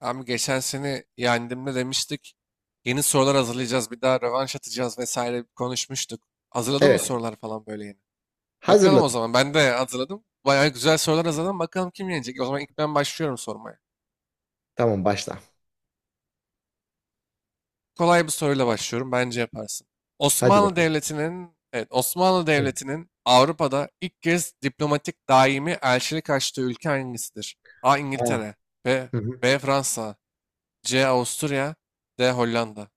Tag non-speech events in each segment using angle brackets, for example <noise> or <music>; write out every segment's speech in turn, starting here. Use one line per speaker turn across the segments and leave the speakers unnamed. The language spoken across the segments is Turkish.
Abi geçen seni yendiğimde demiştik. Yeni sorular hazırlayacağız, bir daha rövanş atacağız vesaire konuşmuştuk. Hazırladın mı
Evet.
sorular falan böyle yeni? Bakalım o
Hazırladım.
zaman. Ben de hazırladım. Bayağı güzel sorular hazırladım. Bakalım kim yenecek? O zaman ilk ben başlıyorum sormaya.
Tamam, başla.
Kolay bir soruyla başlıyorum. Bence yaparsın.
Hadi
Osmanlı
bakalım.
Devleti'nin, evet Osmanlı
Hı.
Devleti'nin Avrupa'da ilk kez diplomatik daimi elçilik açtığı ülke hangisidir? A.
Aa.
İngiltere, B.
Hı hı.
B. Fransa, C. Avusturya, D. Hollanda.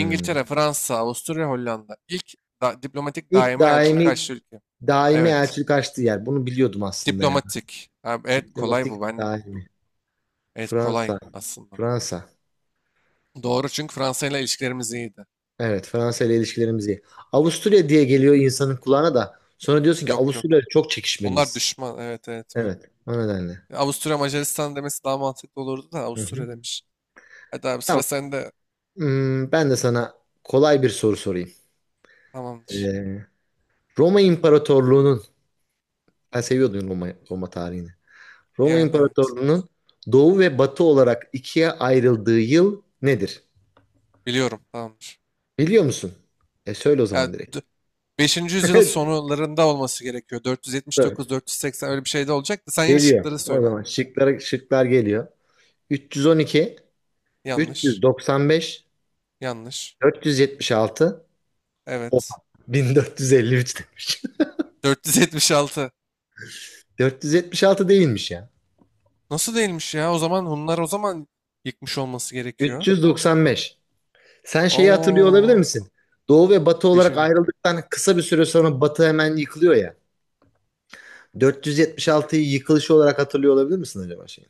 İngiltere, Fransa, Avusturya, Hollanda. İlk diplomatik
İlk
daima elçilik
daimi
açtığı ülke.
daimi
Evet.
elçilik açtığı yer. Bunu biliyordum aslında ya.
Diplomatik. Ha, evet kolay bu.
Diplomatik
Ben
daimi.
evet kolay
Fransa.
aslında.
Fransa.
Doğru çünkü Fransa ile ilişkilerimiz iyiydi.
Evet, Fransa ile ilişkilerimiz iyi. Avusturya diye geliyor insanın kulağına da. Sonra diyorsun ki
Yok
Avusturya
yok.
ile çok
Onlar
çekişmeliyiz.
düşman. Evet evet öyle.
Evet. O nedenle.
Ya, Avusturya Macaristan demesi daha mantıklı olurdu da
Hı hı.
Avusturya demiş. Hadi abi
Tamam.
sıra sende.
Ben de sana kolay bir soru sorayım.
Tamamdır.
Ee, Roma İmparatorluğu'nun ben seviyordum Roma tarihini. Roma
Yani evet.
İmparatorluğu'nun doğu ve batı olarak ikiye ayrıldığı yıl nedir?
Biliyorum tamamdır.
Biliyor musun? E, söyle o
Ya,
zaman direkt.
5. yüzyıl
<laughs>
sonlarında olması gerekiyor.
Tabii.
479-480 öyle bir şey de olacaktı. Sen yeni
Geliyor.
şıkları
O
söyle.
zaman şıklar geliyor. 312,
Yanlış.
395,
Yanlış.
476, oha,
Evet.
1453 demiş.
476.
<laughs> 476 değilmiş ya.
Nasıl değilmiş ya? O zaman Hunlar o zaman yıkmış olması gerekiyor.
395. Sen şeyi hatırlıyor olabilir
Oo.
misin? Doğu ve Batı olarak
Beşinci.
ayrıldıktan kısa bir süre sonra Batı hemen yıkılıyor ya. 476'yı yıkılışı olarak hatırlıyor olabilir misin acaba, şey?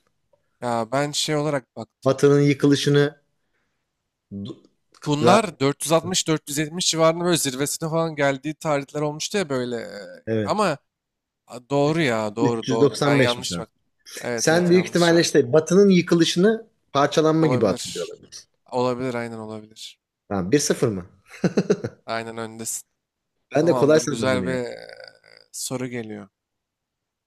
Ya ben şey olarak baktım.
Batı'nın yıkılışını du- la,
Hunlar 460-470 civarında böyle zirvesine falan geldiği tarihler olmuştu ya böyle.
evet,
Ama a, doğru ya doğru doğru. Ben
395'miş
yanlış
abi.
baktım. Evet
Sen
evet
büyük
yanlış
ihtimalle
ha.
işte Batı'nın yıkılışını parçalanma gibi hatırlıyor
Olabilir.
olabilirsin.
Olabilir aynen olabilir.
Tamam, bir sıfır mı?
Aynen öndesin.
Ben de kolay
Tamamdır
sandım bunu
güzel bir
ya.
soru geliyor.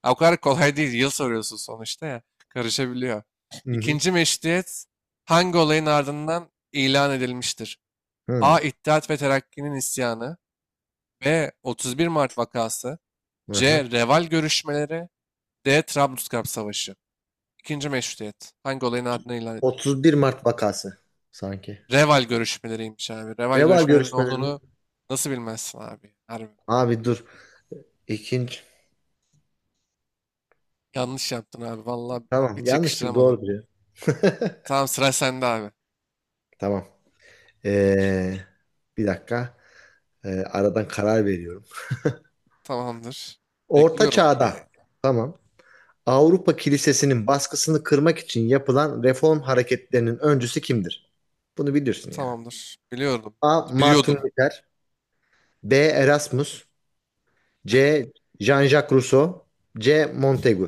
Ha, o kadar kolay değil. Yıl soruyorsun sonuçta ya. Karışabiliyor.
Hı hı.
İkinci meşruiyet hangi olayın ardından ilan edilmiştir?
Hı.
A. İttihat ve Terakki'nin isyanı. B. 31 Mart vakası.
Aha.
C. Reval görüşmeleri. D. Trablusgarp Savaşı. İkinci meşrutiyet. Hangi olayın ardından ilan edildi?
31 Mart vakası sanki.
Reval görüşmeleriymiş abi. Reval
Reval
görüşmelerinin
görüşmeleri mi?
olduğunu nasıl bilmezsin abi? Harbi.
Abi dur. İkinci.
Yanlış yaptın abi. Vallahi
Tamam,
hiç
yanlıştır
yakıştıramadım.
doğrudur ya.
Tamam sıra sende abi.
Tamam. Ee, bir dakika. Aradan karar veriyorum.
Tamamdır.
Orta
Bekliyorum. Yani
çağda. Tamam. Avrupa Kilisesi'nin baskısını kırmak için yapılan reform hareketlerinin öncüsü kimdir? Bunu bilirsin ya.
tamamdır. Biliyordum.
A. Martin
Biliyordum.
Luther. B. Erasmus. C. Jean-Jacques Rousseau. C. Montaigu.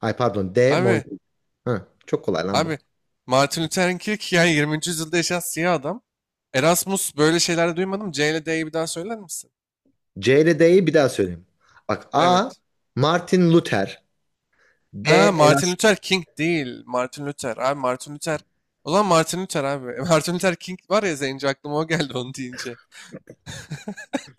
Ay, pardon, D.
Abi,
Montaigu. Hı, çok kolay lan bu.
abi, Martin Luther King yani 20. yüzyılda yaşayan siyah adam. Erasmus böyle şeyler duymadım. C ile D'yi bir daha söyler misin?
C ile D'yi bir daha söyleyeyim. Bak. A.
Evet.
Martin Luther. B.
Ha Martin
Erasmus.
Luther King değil. Martin Luther. Abi Martin Luther. O zaman Martin Luther abi. <laughs> Martin Luther King var ya zenci aklıma o geldi onu deyince.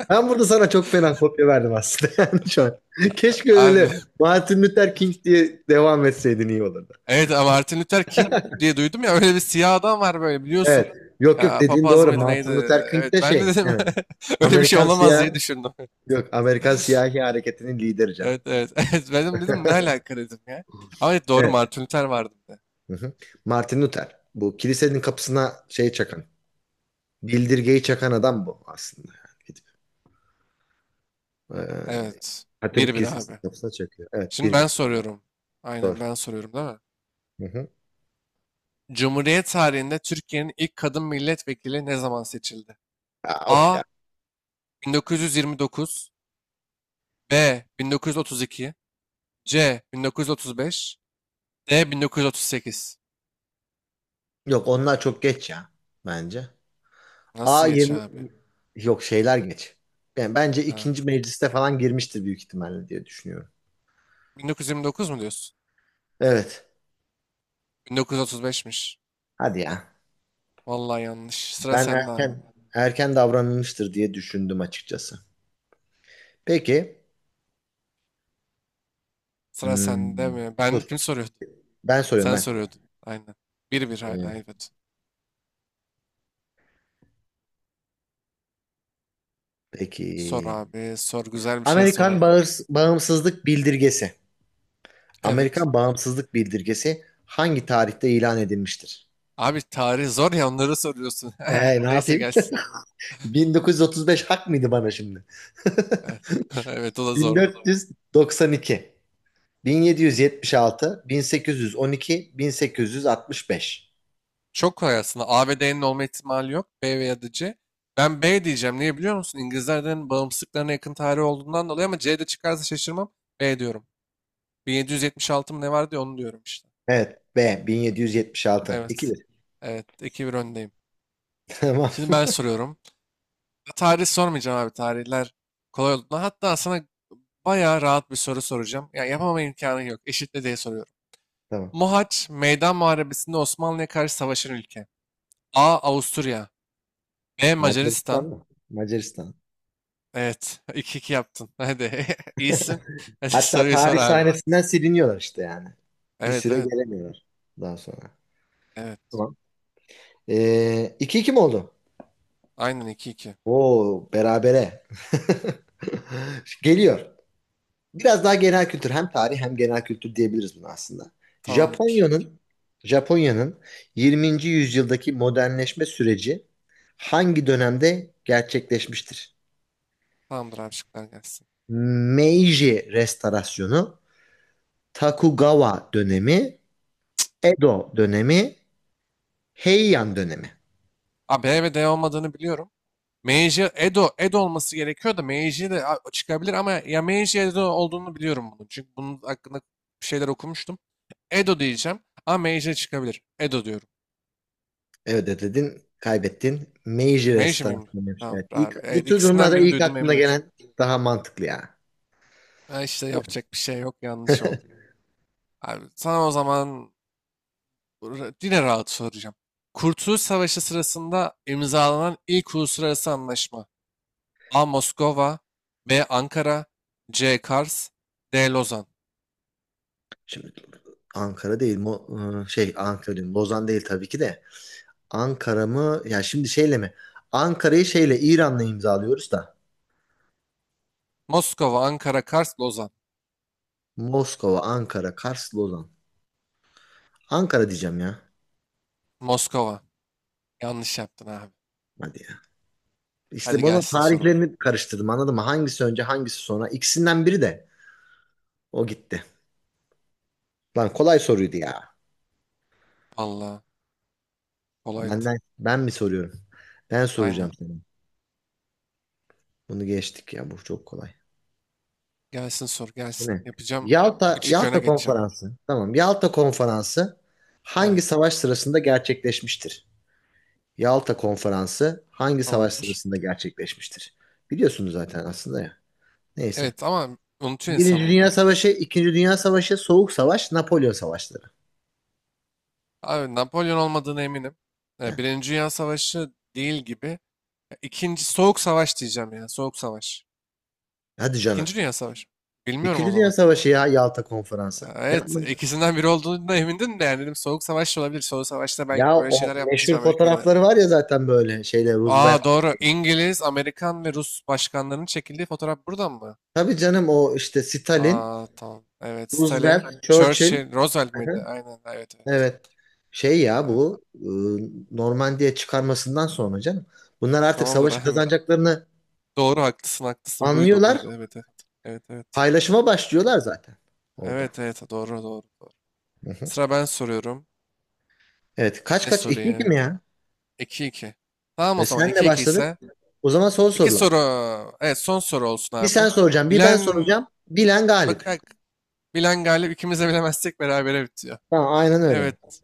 Ben burada sana çok fena kopya verdim aslında <laughs> yani şu an. Keşke öyle
Abi. <laughs>
Martin Luther King diye devam etseydin iyi olurdu.
Evet abi, Martin Luther King diye duydum ya öyle bir siyah adam var böyle biliyorsun.
Evet. Yok yok,
Ya
dediğin
papaz
doğru.
mıydı
Martin
neydi?
Luther King
Evet
de
ben de
şey.
dedim
Evet.
<laughs> öyle bir şey
Amerikan
olamaz
siyah
diye düşündüm.
yok. Amerikan siyahi hareketinin lideri canım.
Evet evet. <laughs> Evet benim dedim ne alaka dedim ya. Ama evet, doğru
Evet.
Martin Luther vardı bir de.
Hı hı. Martin Luther. Bu kilisenin kapısına şey çakan. Bildirgeyi çakan adam bu aslında. Yani gidip, eee,
Evet.
Katolik
1-1
kilisesinin
abi.
kapısına çakıyor. Evet.
Şimdi
Bir
ben
bir.
soruyorum. Aynen ben
Doğru.
soruyorum değil mi?
Hı hı.
Cumhuriyet tarihinde Türkiye'nin ilk kadın milletvekili ne zaman seçildi?
Aa, of
A.
ya.
1929 B. 1932 C. 1935 D. 1938
Yok, onlar çok geç ya. Bence.
Nasıl geç
A20
abi?
yok, şeyler geç. Yani bence
Ha.
ikinci mecliste falan girmiştir büyük ihtimalle diye düşünüyorum.
1929 mu diyorsun?
Evet.
1935'miş.
Hadi ya.
Vallahi yanlış. Sıra
Ben
sende abi.
erken davranılmıştır diye düşündüm açıkçası. Peki,
Sıra sende
hmm,
mi? Ben
dur,
kim soruyordu?
ben soruyorum
Sen
ben.
soruyordun. Aynen. 1-1 hala
Ee,
evet.
peki,
Sor abi. Sor güzel bir şey sor
Amerikan
hadi.
bağımsızlık bildirgesi.
Evet.
Amerikan bağımsızlık bildirgesi hangi tarihte ilan edilmiştir?
Abi tarih zor ya onları soruyorsun. <laughs>
Ne
Neyse
yapayım?
gelsin.
<laughs> 1935 hak mıydı bana şimdi?
Evet. <laughs> Evet o da zordu.
1492, 1776, 1812, 1865.
Çok kolay aslında. A ve D'nin olma ihtimali yok. B veya da C. Ben B diyeceğim. Niye biliyor musun? İngilizlerden bağımsızlıklarına yakın tarih olduğundan dolayı ama C de çıkarsa şaşırmam. B diyorum. 1776 mı ne vardı ya onu diyorum işte.
Evet, B, 1776.
Evet.
2-1.
Evet. 2-1 öndeyim.
<laughs> Tamam,
Şimdi ben soruyorum. Tarih sormayacağım abi. Tarihler kolay oldu. Hatta sana bayağı rahat bir soru soracağım. Ya yapamama imkanın yok. Eşitle diye soruyorum.
tamam.
Mohaç, Meydan Muharebesi'nde Osmanlı'ya karşı savaşan ülke. A. Avusturya. B.
Macaristan
Macaristan.
mı? Macaristan.
Evet. <laughs> 2 iki yaptın. Hadi. <laughs> İyisin. Hadi
Hatta
soruyu sor
tarih
abi.
sahnesinden siliniyorlar işte yani. Bir
Evet
süre
evet.
gelemiyorlar daha sonra.
Evet.
Tamam. İki 2 mi oldu?
Aynen 2-2.
Oo, berabere. <laughs> Geliyor. Biraz daha genel kültür, hem tarih hem genel kültür diyebiliriz buna aslında.
Tamamdır.
Japonya'nın Japonya'nın 20. yüzyıldaki modernleşme süreci hangi dönemde gerçekleşmiştir?
Tamamdır abi şıklar gelsin.
Meiji Restorasyonu, Tokugawa dönemi, Edo dönemi, Heian dönemi.
A, B ve D olmadığını biliyorum. Meiji Edo, Edo olması gerekiyor da Meiji de çıkabilir ama ya Meiji Edo olduğunu biliyorum bunun. Çünkü bunun hakkında bir şeyler okumuştum. Edo diyeceğim ama Meiji çıkabilir. Edo diyorum.
Evet dedin, kaybettin. Meiji
Meiji miyim?
restorasyonu demiş. Evet,
Tamamdır
ilk,
abi.
bu
Evet,
tür
ikisinden
durumlarda
birini
ilk
duydum
aklına
eminim çünkü.
gelen daha mantıklı ya.
Ha işte yapacak bir şey yok yanlış oldu. Abi sana o zaman yine rahat soracağım. Kurtuluş Savaşı sırasında imzalanan ilk uluslararası anlaşma. A. Moskova B. Ankara C. Kars D. Lozan
Şimdi Ankara değil, şey, Ankara değil, Lozan değil tabii ki de. Ankara mı? Ya şimdi şeyle mi? Ankara'yı şeyle İran'la imzalıyoruz da.
Moskova, Ankara, Kars, Lozan.
Moskova, Ankara, Kars, Lozan. Ankara diyeceğim ya.
Moskova. Yanlış yaptın abi.
Hadi ya. İşte
Hadi
bunun
gelsin sorum.
tarihlerini karıştırdım, anladın mı? Hangisi önce, hangisi sonra? İkisinden biri de o gitti. Lan, kolay soruydu ya.
Vallahi kolaydı.
Benden ben mi soruyorum? Ben soracağım
Aynen.
sana. Bunu geçtik ya, bu çok kolay.
Gelsin sor,
Bu
gelsin.
ne?
Yapacağım.
Yalta
3-2 öne
Yalta
geçeceğim.
Konferansı. Tamam. Yalta Konferansı hangi
Evet.
savaş sırasında gerçekleşmiştir? Yalta Konferansı hangi savaş
Tamamdır.
sırasında gerçekleşmiştir? Biliyorsunuz zaten aslında ya. Neyse.
Evet ama unutuyor
Birinci
insan
Dünya
bunları.
Savaşı, İkinci Dünya Savaşı, Soğuk Savaş, Napolyon Savaşları.
Abi Napolyon olmadığına eminim. E,
Yani,
Birinci Dünya Savaşı değil gibi. E, İkinci Soğuk Savaş diyeceğim ya. Soğuk Savaş.
hadi canım.
İkinci Dünya Savaşı. Bilmiyorum o
İkinci Dünya
zaman.
Savaşı ya, Yalta
E,
Konferansı.
evet,
Yapma.
ikisinden biri olduğuna emindin de yani dedim Soğuk Savaş da olabilir. Soğuk Savaş'ta belki
Ya,
böyle
o
şeyler yapmıştır
meşhur
Amerika.
fotoğrafları var ya zaten, böyle şeyle Roosevelt.
Aa doğru. İngiliz, Amerikan ve Rus başkanlarının çekildiği fotoğraf buradan mı?
Tabii canım, o işte Stalin,
Aa tamam. Evet. Stalin,
Roosevelt, Churchill.
Churchill, Roosevelt
Hı
miydi?
hı.
Aynen. Evet evet.
Evet. Şey ya,
Ha,
bu Normandiya çıkarmasından sonra canım. Bunlar artık
tamamdır
savaşı
abi.
kazanacaklarını
<laughs> Doğru haklısın haklısın. Buydu
anlıyorlar.
buydu. Evet evet. Evet evet.
Paylaşıma başlıyorlar zaten orada.
Evet evet doğru doğru. Doğru.
Hı hı.
Sıra ben soruyorum.
Evet, kaç
Ne
kaç? İki iki mi
sorayım?
ya?
2 iki. Tamam o
E,
zaman
senle
2-2
başladık.
ise.
O zaman son
İki
sorular.
soru. Evet son soru olsun
Bir
abi
sen
bu.
soracaksın, bir ben
Bilen
soracağım. Bilen
bak,
galip.
bak bilen galip ikimiz de bilemezsek berabere bitiyor.
Tamam, aynen öyle.
Evet.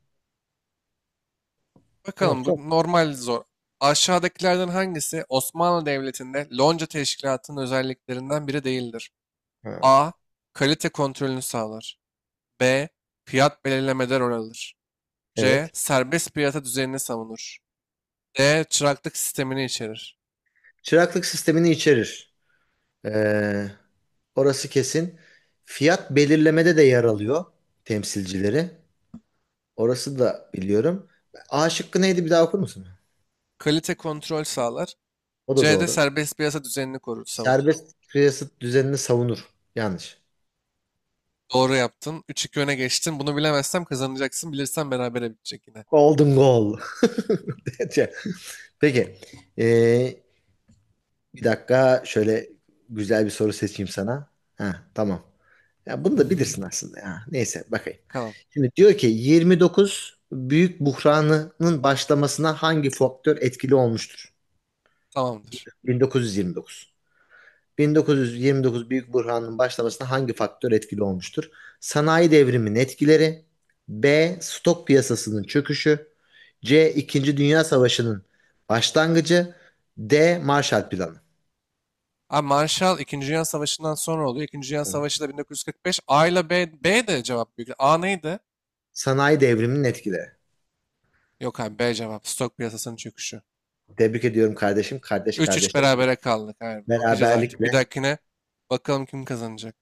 Tamam,
Bakalım
sor.
bu normal zor. Aşağıdakilerden hangisi Osmanlı Devleti'nde Lonca Teşkilatı'nın özelliklerinden biri değildir?
Ha,
A. Kalite kontrolünü sağlar. B. Fiyat belirlemede rol alır. C.
evet.
Serbest piyasa düzenini savunur. D. Çıraklık sistemini içerir.
Çıraklık sistemini içerir. Ee, Orası kesin. Fiyat belirlemede de yer alıyor temsilcileri. Orası da biliyorum. A şıkkı neydi, bir daha okur musun?
Kalite kontrol sağlar.
O da
C de
doğru.
serbest piyasa düzenini korur, savunur.
Serbest piyasa düzenini savunur. Yanlış.
Doğru yaptın. 3-2 öne geçtin. Bunu bilemezsem kazanacaksın. Bilirsen berabere bitecek yine.
Golden goal. <laughs> Peki. Ee, bir dakika, şöyle güzel bir soru seçeyim sana. Ha, tamam. Ya, bunu da bilirsin aslında ya. Neyse, bakayım.
Bakalım.
Şimdi diyor ki 29 büyük buhranının başlamasına hangi faktör etkili olmuştur?
Tamamdır.
1929. 1929 Büyük Burhan'ın başlamasına hangi faktör etkili olmuştur? Sanayi devriminin etkileri, B. Stok piyasasının çöküşü, C. İkinci Dünya Savaşı'nın başlangıcı, D. Marshall Planı.
Abi Marshall 2. Dünya Savaşı'ndan sonra oluyor. 2. Dünya Savaşı da 1945. A ile B, B de cevap büyük. A neydi?
Sanayi devriminin etkileri.
Yok abi B cevap. Stok piyasasının çöküşü.
Tebrik ediyorum kardeşim. Kardeş
3-3
kardeşe
berabere kaldık. Abi. Bakacağız artık. Bir
beraberlikle.
dahakine bakalım kim kazanacak.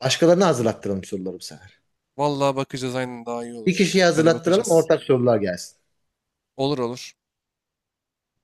Başkalarına hazırlattıralım soruları bu sefer.
Vallahi bakacağız aynen daha iyi
Bir
olur.
kişiye
Hadi
hazırlattıralım,
bakacağız.
ortak sorular gelsin.
Olur olur.